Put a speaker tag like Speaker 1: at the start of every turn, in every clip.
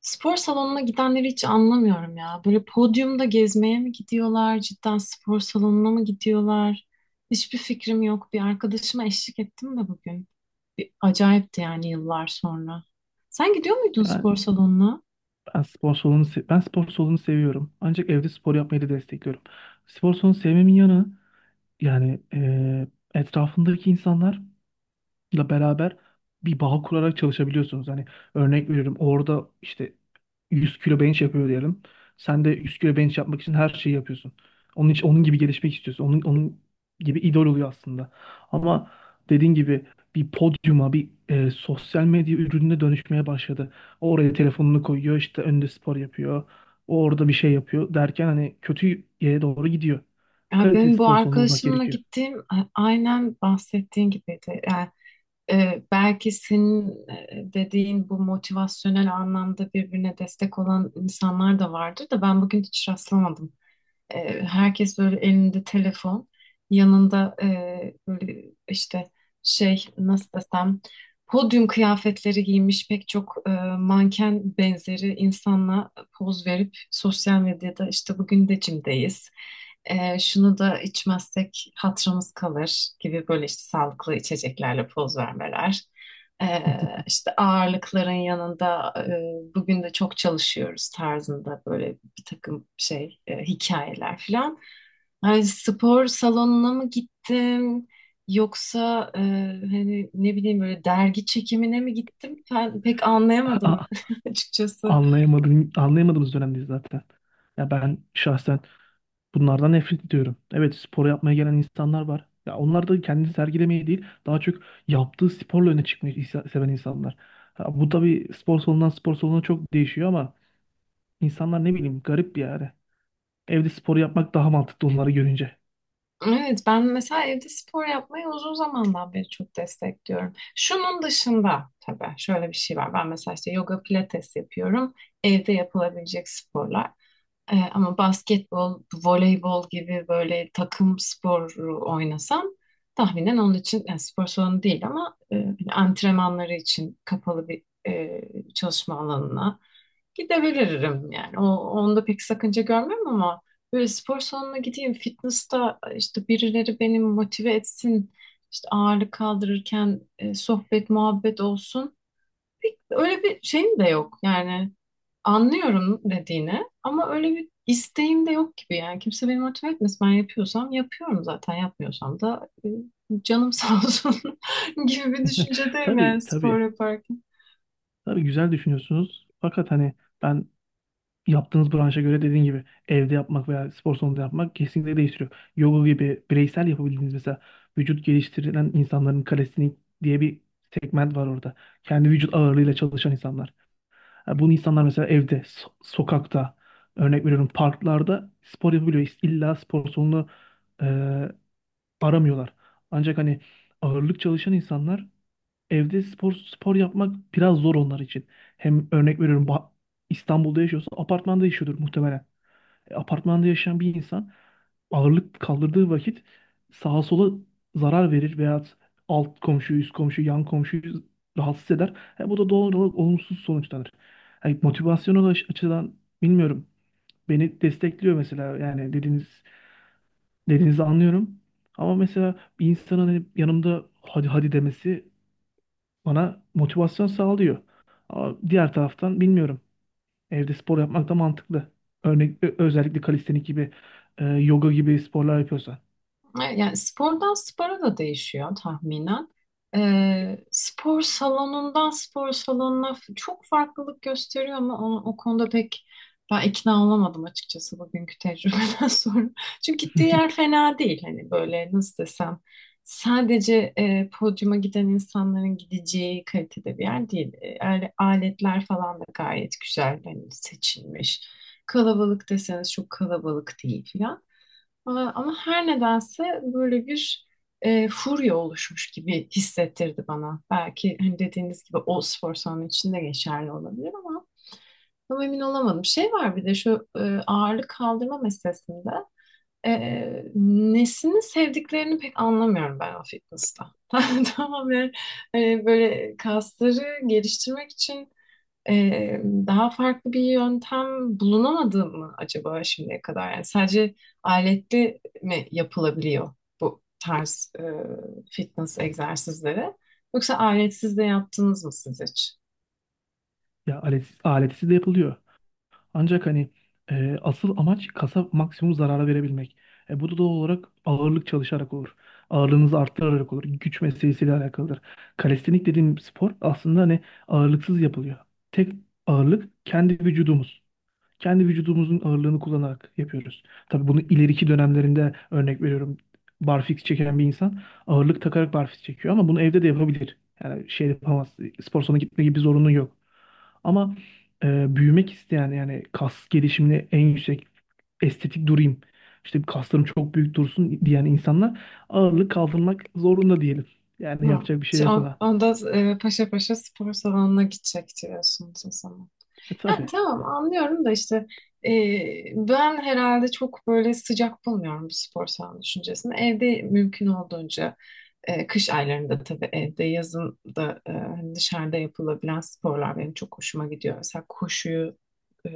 Speaker 1: Spor salonuna gidenleri hiç anlamıyorum ya. Böyle podyumda gezmeye mi gidiyorlar, cidden spor salonuna mı gidiyorlar? Hiçbir fikrim yok. Bir arkadaşıma eşlik ettim de bugün. Bir acayipti yani yıllar sonra. Sen gidiyor muydun
Speaker 2: Yani
Speaker 1: spor salonuna?
Speaker 2: ben spor salonu seviyorum. Ancak evde spor yapmayı da destekliyorum. Spor salonu sevmemin yanı, yani etrafındaki insanlar ile beraber bir bağ kurarak çalışabiliyorsunuz. Hani örnek veriyorum orada işte 100 kilo bench yapıyor diyelim. Sen de 100 kilo bench yapmak için her şeyi yapıyorsun. Onun için onun gibi gelişmek istiyorsun. Onun gibi idol oluyor aslında. Ama dediğin gibi bir podyuma, bir sosyal medya ürününe dönüşmeye başladı. Oraya telefonunu koyuyor, işte önünde spor yapıyor. O orada bir şey yapıyor derken hani kötü yere doğru gidiyor.
Speaker 1: Ya
Speaker 2: Kaliteli
Speaker 1: benim bu
Speaker 2: spor salonu bulmak
Speaker 1: arkadaşımla
Speaker 2: gerekiyor.
Speaker 1: gittiğim aynen bahsettiğin gibiydi. Yani, belki senin dediğin bu motivasyonel anlamda birbirine destek olan insanlar da vardır da ben bugün hiç rastlamadım. Herkes böyle elinde telefon, yanında böyle işte şey nasıl desem podyum kıyafetleri giymiş pek çok manken benzeri insanla poz verip sosyal medyada işte bugün de cimdeyiz. Şunu da içmezsek hatırımız kalır gibi böyle işte sağlıklı içeceklerle poz vermeler. İşte ağırlıkların yanında bugün de çok çalışıyoruz tarzında böyle bir takım şey, hikayeler falan. Hani spor salonuna mı gittim yoksa hani ne bileyim böyle dergi çekimine mi gittim? Ben pek anlayamadım açıkçası.
Speaker 2: Anlayamadığımız dönemdeyiz zaten. Ya ben şahsen bunlardan nefret ediyorum. Evet, spor yapmaya gelen insanlar var. Ya onlar da kendini sergilemeye değil, daha çok yaptığı sporla öne çıkmayı seven insanlar. Ha, bu tabii spor salonundan spor salonuna çok değişiyor ama insanlar ne bileyim garip bir yani. Evde spor yapmak daha mantıklı onları görünce.
Speaker 1: Evet ben mesela evde spor yapmayı uzun zamandan beri çok destekliyorum. Şunun dışında tabii şöyle bir şey var. Ben mesela işte yoga pilates yapıyorum. Evde yapılabilecek sporlar. Ama basketbol, voleybol gibi böyle takım sporu oynasam tahminen onun için yani spor salonu değil ama hani antrenmanları için kapalı bir e, çalışma alanına gidebilirim yani. Onda pek sakınca görmem ama böyle spor salonuna gideyim fitness'ta işte birileri beni motive etsin işte ağırlık kaldırırken sohbet muhabbet olsun. Öyle bir şeyim de yok yani. Anlıyorum dediğini ama öyle bir isteğim de yok gibi yani. Kimse beni motive etmez. Ben yapıyorsam yapıyorum zaten. Yapmıyorsam da canım sağ olsun gibi bir düşüncedeyim yani
Speaker 2: Tabii,
Speaker 1: spor
Speaker 2: tabii.
Speaker 1: yaparken.
Speaker 2: Tabii güzel düşünüyorsunuz. Fakat hani ben yaptığınız branşa göre dediğin gibi evde yapmak veya spor salonunda yapmak kesinlikle değiştiriyor. Yoga gibi bireysel yapabildiğiniz mesela vücut geliştirilen insanların kalesini diye bir segment var orada. Kendi vücut ağırlığıyla çalışan insanlar. Ha, bunu insanlar mesela evde, sokakta, örnek veriyorum parklarda spor yapabiliyor. İlla spor salonu e, aramıyorlar. Ancak hani ağırlık çalışan insanlar evde spor yapmak biraz zor onlar için. Hem örnek veriyorum İstanbul'da yaşıyorsa apartmanda yaşıyordur muhtemelen. Apartmanda yaşayan bir insan ağırlık kaldırdığı vakit sağa sola zarar verir veya alt komşuyu, üst komşuyu, yan komşuyu rahatsız eder. Bu da doğal olarak olumsuz sonuçlanır. Yani motivasyonel açıdan bilmiyorum. Beni destekliyor mesela, yani dediğinizi anlıyorum. Ama mesela bir insanın hani yanımda hadi hadi demesi bana motivasyon sağlıyor. Ama diğer taraftan bilmiyorum. Evde spor yapmak da mantıklı. Özellikle kalistenik gibi, yoga gibi sporlar yapıyorsan.
Speaker 1: Evet, yani spordan spora da değişiyor tahminen. Spor salonundan spor salonuna çok farklılık gösteriyor ama o konuda pek ben ikna olamadım açıkçası bugünkü tecrübeden sonra. Çünkü gittiği yer fena değil. Hani böyle nasıl desem sadece podyuma giden insanların gideceği kalitede bir yer değil. Aletler falan da gayet güzel hani seçilmiş. Kalabalık deseniz çok kalabalık değil falan. Aa, ama her nedense böyle bir furya oluşmuş gibi hissettirdi bana. Belki hani dediğiniz gibi o spor salonu içinde geçerli olabilir ama tam emin olamadım. Şey var bir de şu ağırlık kaldırma meselesinde e, nesini sevdiklerini pek anlamıyorum ben o fitness'ta. Tamamen böyle kasları geliştirmek için daha farklı bir yöntem bulunamadı mı acaba şimdiye kadar? Yani sadece aletli mi yapılabiliyor bu tarz fitness egzersizleri? Yoksa aletsiz de yaptınız mı siz hiç?
Speaker 2: Ya aletsiz de yapılıyor. Ancak hani asıl amaç kasa maksimum zarara verebilmek. Bu da doğal olarak ağırlık çalışarak olur. Ağırlığınızı arttırarak olur. Güç meselesiyle alakalıdır. Kalistenik dediğim spor aslında hani ağırlıksız yapılıyor. Tek ağırlık kendi vücudumuz. Kendi vücudumuzun ağırlığını kullanarak yapıyoruz. Tabii bunu ileriki dönemlerinde örnek veriyorum. Barfix çeken bir insan ağırlık takarak barfix çekiyor ama bunu evde de yapabilir. Yani şey yapamaz. Spor salonuna gitme gibi bir zorunlu yok. Ama büyümek isteyen, yani kas gelişimini en yüksek estetik durayım. İşte kaslarım çok büyük dursun diyen insanlar ağırlık kaldırmak zorunda diyelim. Yani
Speaker 1: Hı.
Speaker 2: yapacak bir şey yok ona.
Speaker 1: Onda paşa paşa spor salonuna gidecek diyorsunuz o zaman. Yani
Speaker 2: Tabii.
Speaker 1: tamam anlıyorum da işte e, ben herhalde çok böyle sıcak bulmuyorum bu spor salonu düşüncesini. Evde mümkün olduğunca kış aylarında tabii evde yazın da hani dışarıda yapılabilen sporlar benim çok hoşuma gidiyor. Mesela koşuyu e,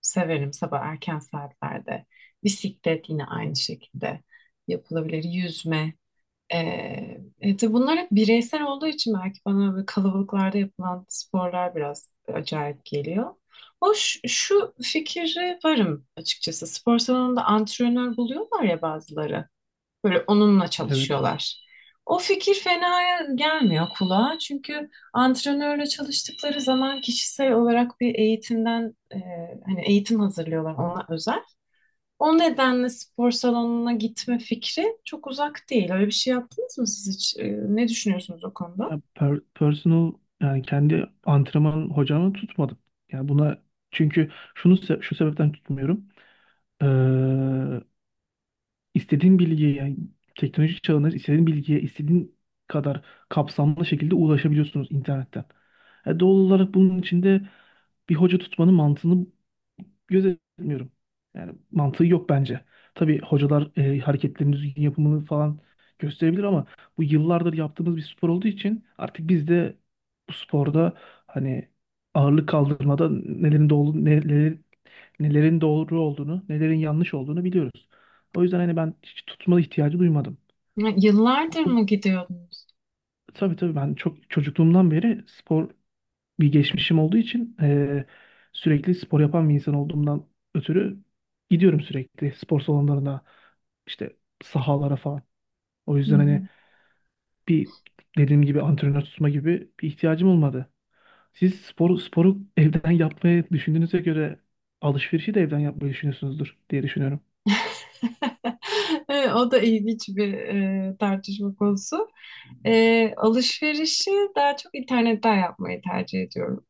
Speaker 1: severim sabah erken saatlerde. Bisiklet yine aynı şekilde yapılabilir. Yüzme. Ee, tabii bunlar hep bireysel olduğu için belki bana böyle kalabalıklarda yapılan sporlar biraz acayip geliyor. Hoş şu fikri varım açıkçası. Spor salonunda antrenör buluyorlar ya bazıları. Böyle onunla
Speaker 2: Evet.
Speaker 1: çalışıyorlar. O fikir fena gelmiyor kulağa. Çünkü antrenörle çalıştıkları zaman kişisel olarak bir eğitimden hani eğitim hazırlıyorlar ona özel. O nedenle spor salonuna gitme fikri çok uzak değil. Öyle bir şey yaptınız mı siz hiç? Ne düşünüyorsunuz o konuda?
Speaker 2: Ya personal, yani kendi antrenman hocamı tutmadım. Yani buna, çünkü şu sebepten tutmuyorum. İstediğin bilgiye, yani teknoloji çağında istediğin bilgiye istediğin kadar kapsamlı şekilde ulaşabiliyorsunuz internetten. Doğal olarak bunun içinde bir hoca tutmanın mantığını gözetmiyorum. Yani mantığı yok bence. Tabii hocalar hareketlerin düzgün yapımını falan gösterebilir ama bu yıllardır yaptığımız bir spor olduğu için artık biz de bu sporda hani ağırlık kaldırmada nelerin doğru olduğunu, nelerin yanlış olduğunu biliyoruz. O yüzden hani ben hiç tutma ihtiyacı duymadım.
Speaker 1: Ha, yıllardır
Speaker 2: O,
Speaker 1: mı gidiyordunuz?
Speaker 2: tabii tabii, ben çok çocukluğumdan beri spor bir geçmişim olduğu için sürekli spor yapan bir insan olduğumdan ötürü gidiyorum sürekli spor salonlarına, işte sahalara falan. O yüzden hani
Speaker 1: Hmm.
Speaker 2: bir dediğim gibi antrenör tutma gibi bir ihtiyacım olmadı. Siz sporu evden yapmayı düşündüğünüze göre alışverişi de evden yapmayı düşünüyorsunuzdur diye düşünüyorum.
Speaker 1: Evet, o da ilginç bir tartışma konusu. Alışverişi daha çok internetten yapmayı tercih ediyorum.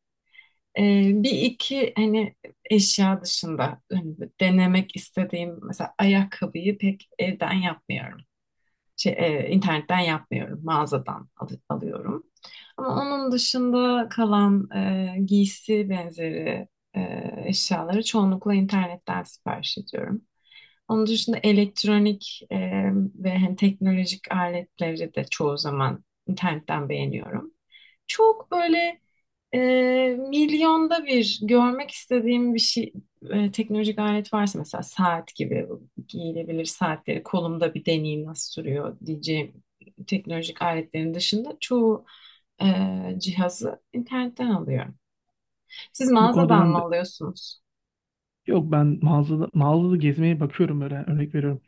Speaker 1: Bir iki hani eşya dışında hani denemek istediğim mesela ayakkabıyı pek evden yapmıyorum. Şey, internetten yapmıyorum, mağazadan alıyorum. Ama onun dışında kalan giysi benzeri e, eşyaları çoğunlukla internetten sipariş ediyorum. Onun dışında elektronik ve hani teknolojik aletleri de çoğu zaman internetten beğeniyorum. Çok böyle e, milyonda bir görmek istediğim bir şey teknolojik alet varsa mesela saat gibi bu giyilebilir saatleri kolumda bir deneyim nasıl sürüyor diyeceğim teknolojik aletlerin dışında çoğu e, cihazı internetten alıyorum. Siz
Speaker 2: Bu konuda
Speaker 1: mağazadan
Speaker 2: ben
Speaker 1: mı
Speaker 2: de
Speaker 1: alıyorsunuz?
Speaker 2: Yok, ben mağazada gezmeye bakıyorum böyle. Yani örnek veriyorum.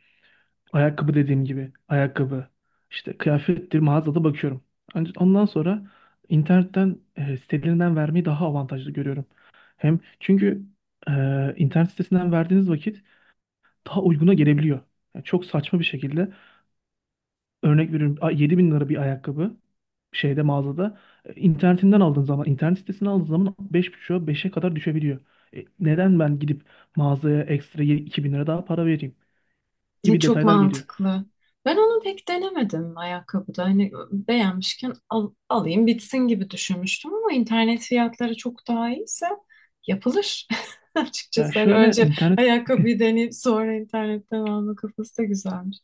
Speaker 2: Ayakkabı, dediğim gibi ayakkabı işte kıyafettir, mağazada bakıyorum. Ancak ondan sonra internetten sitelerinden vermeyi daha avantajlı görüyorum. Hem çünkü e, internet sitesinden verdiğiniz vakit daha uyguna gelebiliyor. Yani çok saçma bir şekilde. Örnek veriyorum, 7.000 lira bir ayakkabı şeyde, mağazada, internetinden aldığın zaman, internet sitesinden aldığın zaman 5,5'a beşe kadar düşebiliyor. Neden ben gidip mağazaya ekstra 2.000 lira daha para vereyim
Speaker 1: Ne
Speaker 2: gibi
Speaker 1: çok
Speaker 2: detaylar geliyor.
Speaker 1: mantıklı. Ben onu pek denemedim ayakkabıda. Hani beğenmişken alayım bitsin gibi düşünmüştüm ama internet fiyatları çok daha iyiyse yapılır.
Speaker 2: Ya
Speaker 1: Açıkçası hani
Speaker 2: şöyle
Speaker 1: önce
Speaker 2: internet
Speaker 1: ayakkabıyı deneyip sonra internetten alma kafası da güzelmiş.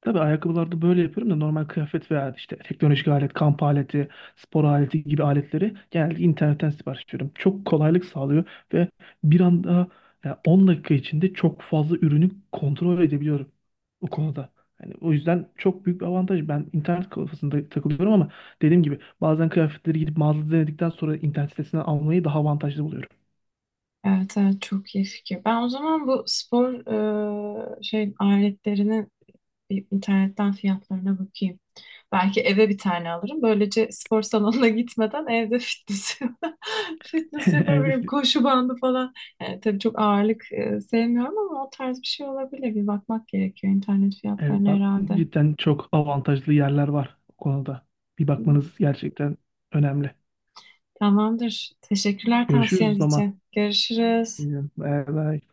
Speaker 2: Tabii ayakkabılarda böyle yapıyorum da normal kıyafet veya işte teknolojik alet, kamp aleti, spor aleti gibi aletleri genelde internetten sipariş veriyorum. Çok kolaylık sağlıyor ve bir anda yani 10 dakika içinde çok fazla ürünü kontrol edebiliyorum o konuda. Yani o yüzden çok büyük bir avantaj. Ben internet kafasında takılıyorum ama dediğim gibi bazen kıyafetleri gidip mağazada denedikten sonra internet sitesinden almayı daha avantajlı buluyorum.
Speaker 1: Evet, evet çok iyi fikir. Ben o zaman bu spor şey aletlerinin bir internetten fiyatlarına bakayım. Belki eve bir tane alırım. Böylece spor salonuna gitmeden evde fitness, fitness yapabilirim.
Speaker 2: Evde
Speaker 1: Koşu bandı falan. Yani tabii çok ağırlık sevmiyorum ama o tarz bir şey olabilir. Bir bakmak gerekiyor internet
Speaker 2: Evet,
Speaker 1: fiyatlarına
Speaker 2: bak,
Speaker 1: herhalde.
Speaker 2: cidden çok avantajlı yerler var bu konuda. Bir
Speaker 1: Hı,
Speaker 2: bakmanız gerçekten önemli.
Speaker 1: tamamdır. Teşekkürler
Speaker 2: Görüşürüz o
Speaker 1: tavsiyeniz
Speaker 2: zaman.
Speaker 1: için. Görüşürüz.
Speaker 2: Bye bye.